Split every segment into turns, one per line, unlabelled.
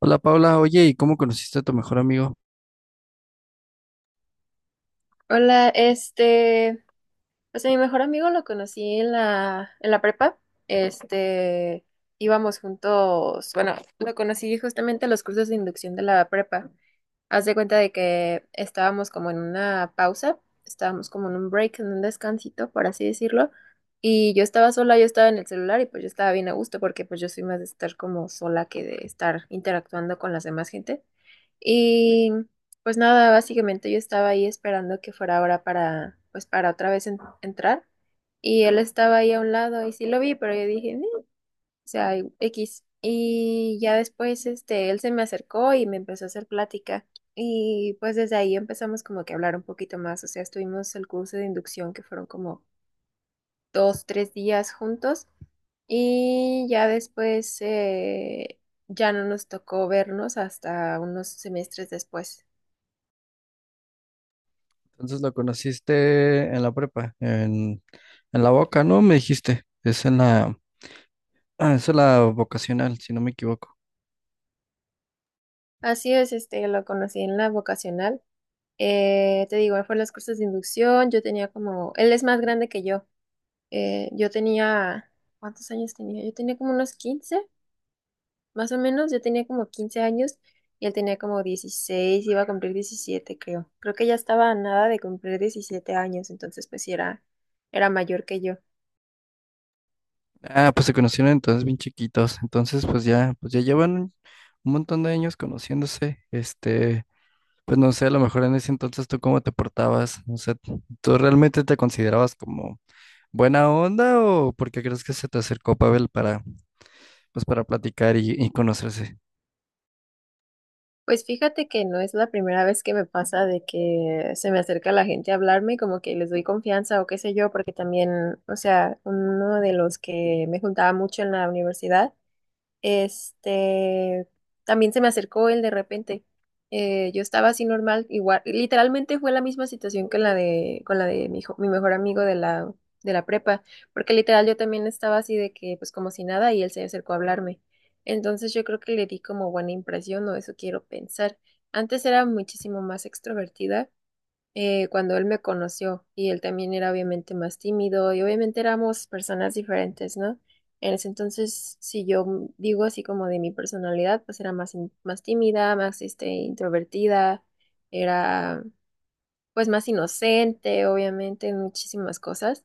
Hola Paula, oye, ¿y cómo conociste a tu mejor amigo?
Hola, pues a mi mejor amigo lo conocí en la prepa. Este, íbamos juntos, bueno, lo conocí justamente en los cursos de inducción de la prepa. Haz de cuenta de que estábamos como en una pausa, estábamos como en un break, en un descansito, por así decirlo. Y yo estaba sola, yo estaba en el celular y pues yo estaba bien a gusto porque pues yo soy más de estar como sola que de estar interactuando con las demás gente. Y pues nada, básicamente yo estaba ahí esperando que fuera hora para, pues para otra vez entrar. Y él estaba ahí a un lado y sí lo vi, pero yo dije, "Ni", o sea, X. Y ya después, él se me acercó y me empezó a hacer plática. Y pues desde ahí empezamos como que a hablar un poquito más. O sea, estuvimos el curso de inducción que fueron como 2, 3 días juntos. Y ya después, ya no nos tocó vernos hasta unos semestres después.
Entonces lo conociste en la prepa, en la boca, ¿no? Me dijiste, es en ah, es en la vocacional, si no me equivoco.
Así es, lo conocí en la vocacional. Te digo, fue en los cursos de inducción, yo tenía como, él es más grande que yo. Yo tenía, ¿cuántos años tenía? Yo tenía como unos 15, más o menos, yo tenía como 15 años y él tenía como 16, iba a cumplir 17, creo. Creo que ya estaba a nada de cumplir 17 años, entonces pues sí era mayor que yo.
Ah, pues se conocieron entonces bien chiquitos, entonces pues ya llevan un montón de años conociéndose, este, pues no sé, a lo mejor en ese entonces tú cómo te portabas, o sea, ¿tú realmente te considerabas como buena onda o porque crees que se te acercó Pavel para, pues para platicar y conocerse?
Pues fíjate que no es la primera vez que me pasa de que se me acerca la gente a hablarme, y como que les doy confianza o qué sé yo, porque también, o sea, uno de los que me juntaba mucho en la universidad, este, también se me acercó él de repente. Yo estaba así normal, igual, literalmente fue la misma situación que la de, con la de mi mejor amigo de la prepa, porque literal yo también estaba así de que, pues como si nada, y él se acercó a hablarme. Entonces yo creo que le di como buena impresión, o eso quiero pensar. Antes era muchísimo más extrovertida cuando él me conoció y él también era obviamente más tímido y obviamente éramos personas diferentes, ¿no? En ese entonces, si yo digo así como de mi personalidad, pues era más tímida, más introvertida, era pues más inocente, obviamente, en muchísimas cosas,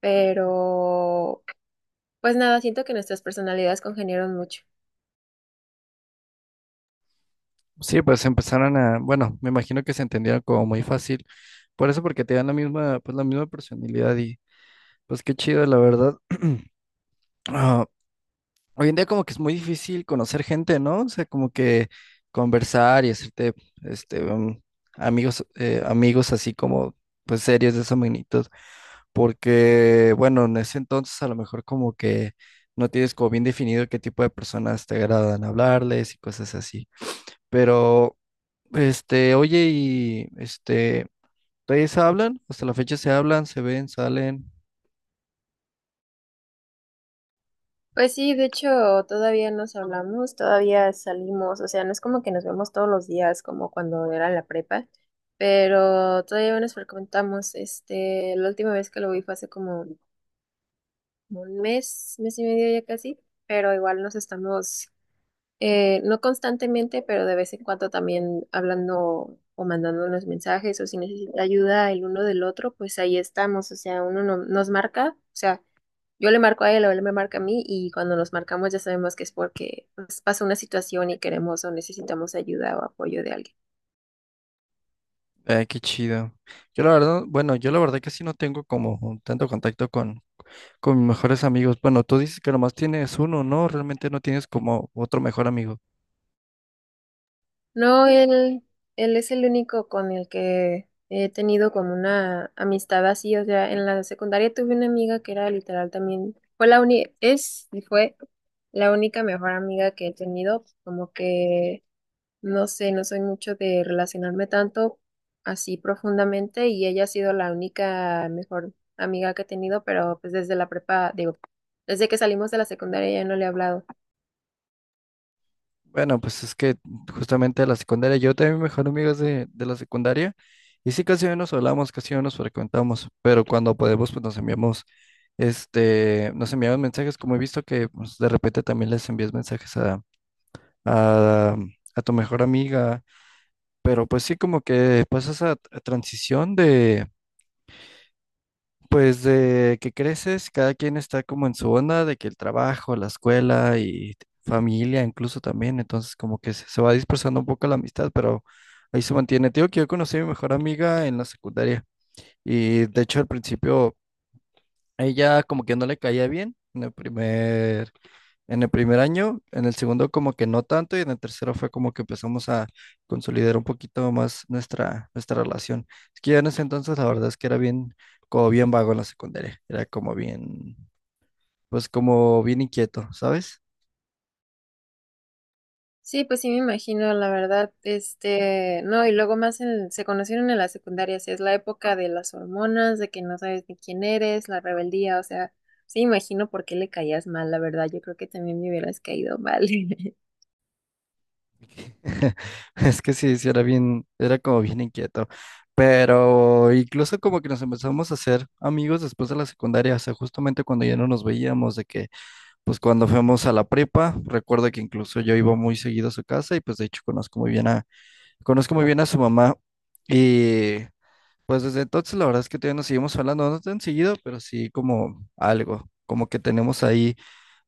pero pues nada, siento que nuestras personalidades congeniaron mucho.
Sí, pues empezaron a, bueno, me imagino que se entendieron como muy fácil, por eso porque te dan la misma, pues la misma personalidad y pues qué chido, la verdad. Ah, hoy en día como que es muy difícil conocer gente, ¿no? O sea, como que conversar y hacerte, este, amigos, amigos así como, pues serios de esa magnitud, porque, bueno, en ese entonces a lo mejor como que no tienes como bien definido qué tipo de personas te agradan hablarles y cosas así, pero... Este, oye, y este, ¿todavía se hablan? Hasta la fecha se hablan, se ven, salen.
Pues sí, de hecho, todavía nos hablamos, todavía salimos, o sea, no es como que nos vemos todos los días como cuando era la prepa, pero todavía nos frecuentamos, la última vez que lo vi fue hace como un mes, mes y medio ya casi, pero igual nos estamos, no constantemente, pero de vez en cuando también hablando o mandándonos mensajes o si necesita ayuda el uno del otro, pues ahí estamos, o sea, uno nos marca, o sea, yo le marco a él o él me marca a mí y cuando nos marcamos ya sabemos que es porque pues, pasa una situación y queremos o necesitamos ayuda o apoyo de alguien.
Ay, qué chido. Yo la verdad, bueno, yo la verdad que sí no tengo como tanto contacto con mis mejores amigos. Bueno, tú dices que nomás tienes uno, ¿no? Realmente no tienes como otro mejor amigo.
No, él es el único con el que he tenido como una amistad así. O sea, en la secundaria tuve una amiga que era literal también, fue la uni, es y fue la única mejor amiga que he tenido, como que no sé, no soy mucho de relacionarme tanto así profundamente y ella ha sido la única mejor amiga que he tenido, pero pues desde la prepa, digo, desde que salimos de la secundaria ya no le he hablado.
Bueno, pues es que justamente la secundaria, yo tenía mi mejor amigo es de la secundaria y sí casi no nos hablamos, casi no nos frecuentamos, pero cuando podemos pues nos enviamos, este, nos enviamos mensajes, como he visto que pues, de repente también les envías mensajes a, a tu mejor amiga, pero pues sí como que pasa esa transición de, pues de que creces, cada quien está como en su onda, de que el trabajo, la escuela y familia incluso también, entonces como que se va dispersando un poco la amistad, pero ahí se mantiene. Tío, que yo conocí a mi mejor amiga en la secundaria y de hecho al principio ella como que no le caía bien en el primer año, en el segundo como que no tanto y en el tercero fue como que empezamos a consolidar un poquito más nuestra, nuestra relación. Es que ya en ese entonces la verdad es que era bien, como bien vago en la secundaria, era como bien, pues como bien inquieto, ¿sabes?
Sí, pues sí me imagino, la verdad, no, y luego más se conocieron en la secundaria, sí, es la época de las hormonas, de que no sabes ni quién eres, la rebeldía, o sea, sí me imagino por qué le caías mal, la verdad, yo creo que también me hubieras caído mal.
Es que sí, sí, era bien, era como bien inquieto. Pero incluso como que nos empezamos a hacer amigos después de la secundaria, o sea, justamente cuando ya no nos veíamos, de que pues cuando fuimos a la prepa, recuerdo que incluso yo iba muy seguido a su casa y pues de hecho conozco muy bien a su mamá y pues desde entonces la verdad es que todavía nos seguimos hablando, no tan seguido, pero sí como algo, como que tenemos ahí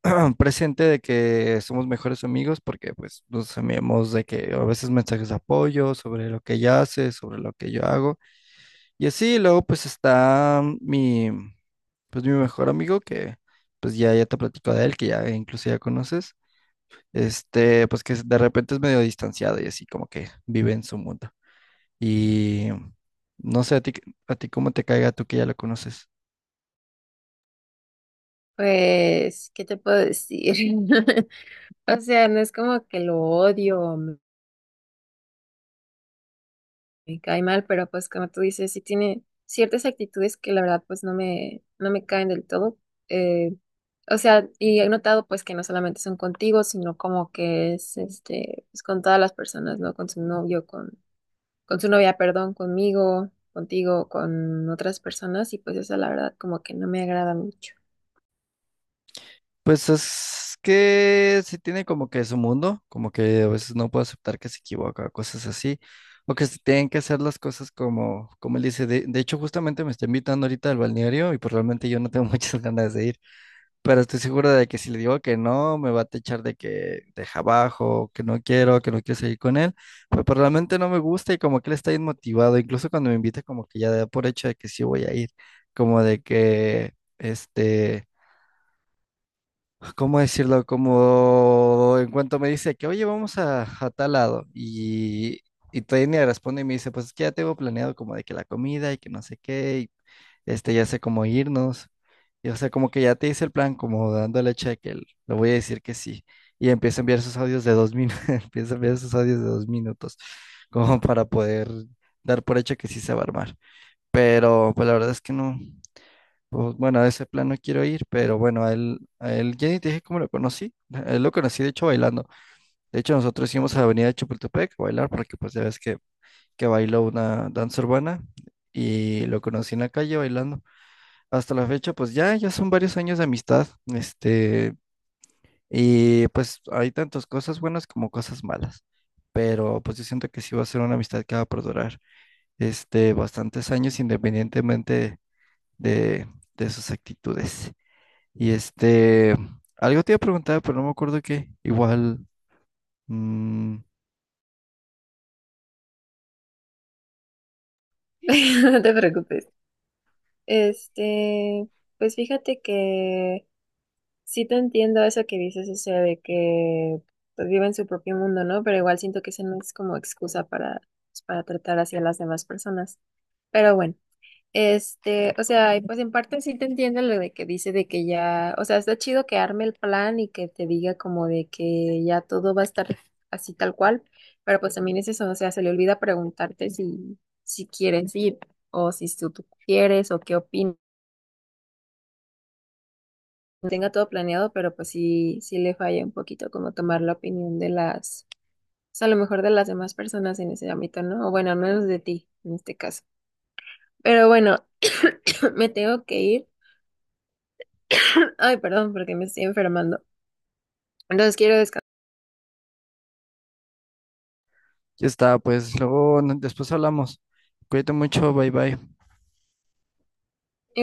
presente de que somos mejores amigos porque pues nos enviamos de que a veces mensajes de apoyo sobre lo que ella hace, sobre lo que yo hago. Y así, luego pues está mi, pues mi mejor amigo que ya te platico de él, que ya incluso ya conoces, este, pues que de repente es medio distanciado y así como que vive en su mundo. Y no sé, a ti cómo te caiga tú que ya lo conoces.
Pues, ¿qué te puedo decir? O sea, no es como que lo odio o me cae mal, pero pues como tú dices, sí tiene ciertas actitudes que la verdad pues no me caen del todo. Eh, o sea, y he notado pues que no solamente son contigo, sino como que es pues con todas las personas, ¿no? Con su novio, con su novia, perdón, conmigo, contigo, con otras personas, y pues eso la verdad como que no me agrada mucho.
Pues es que sí tiene como que su mundo, como que a veces no puede aceptar que se equivoca, cosas así, o que se tienen que hacer las cosas como, como él dice. De hecho, justamente me está invitando ahorita al balneario y pues realmente yo no tengo muchas ganas de ir, pero estoy seguro de que si le digo que no, me va a techar de que deja abajo, que no quiero seguir con él, pero, pues realmente no me gusta y como que él está inmotivado, incluso cuando me invita como que ya da por hecho de que sí voy a ir, como de que, este... ¿cómo decirlo? Como en cuanto me dice que, oye, vamos a tal lado. Y Tania responde y me dice, pues es que ya tengo planeado como de que la comida y que no sé qué, y este, ya sé cómo irnos. Y o sea, como que ya te hice el plan, como dándole check, el, le voy a decir que sí. Y empieza a enviar sus audios de 2 minutos, empieza a enviar sus audios de dos minutos, como para poder dar por hecho que sí se va a armar. Pero pues la verdad es que no. Pues, bueno, a ese plan no quiero ir, pero bueno, a él, ya ni te dije cómo lo conocí. A él lo conocí, de hecho, bailando. De hecho, nosotros íbamos a la avenida de Chapultepec a bailar, porque pues ya ves que bailó una danza urbana y lo conocí en la calle bailando. Hasta la fecha, ya son varios años de amistad, este, y pues hay tantas cosas buenas como cosas malas. Pero pues yo siento que sí va a ser una amistad que va a perdurar, este, bastantes años independientemente de, de sus actitudes. Y este, algo te iba a preguntar, pero no me acuerdo qué. Igual, mm,
No te preocupes. Este, pues fíjate que sí te entiendo eso que dices, o sea, de que pues, viven su propio mundo, ¿no? Pero igual siento que esa no es como excusa para, pues, para tratar hacia las demás personas. Pero bueno, o sea, y pues en parte sí te entiendo lo de que dice de que ya, o sea, está chido que arme el plan y que te diga como de que ya todo va a estar así tal cual, pero pues también es eso, o sea, se le olvida preguntarte si quieres ir o si tú quieres o qué opinas tenga todo planeado, pero pues sí, sí le falla un poquito como tomar la opinión de las, o sea, a lo mejor de las demás personas en ese ámbito, ¿no? O bueno, al menos de ti en este caso. Pero bueno, me tengo que ir. Ay, perdón, porque me estoy enfermando. Entonces quiero descansar.
ya está, pues luego, después hablamos. Cuídate mucho, bye bye.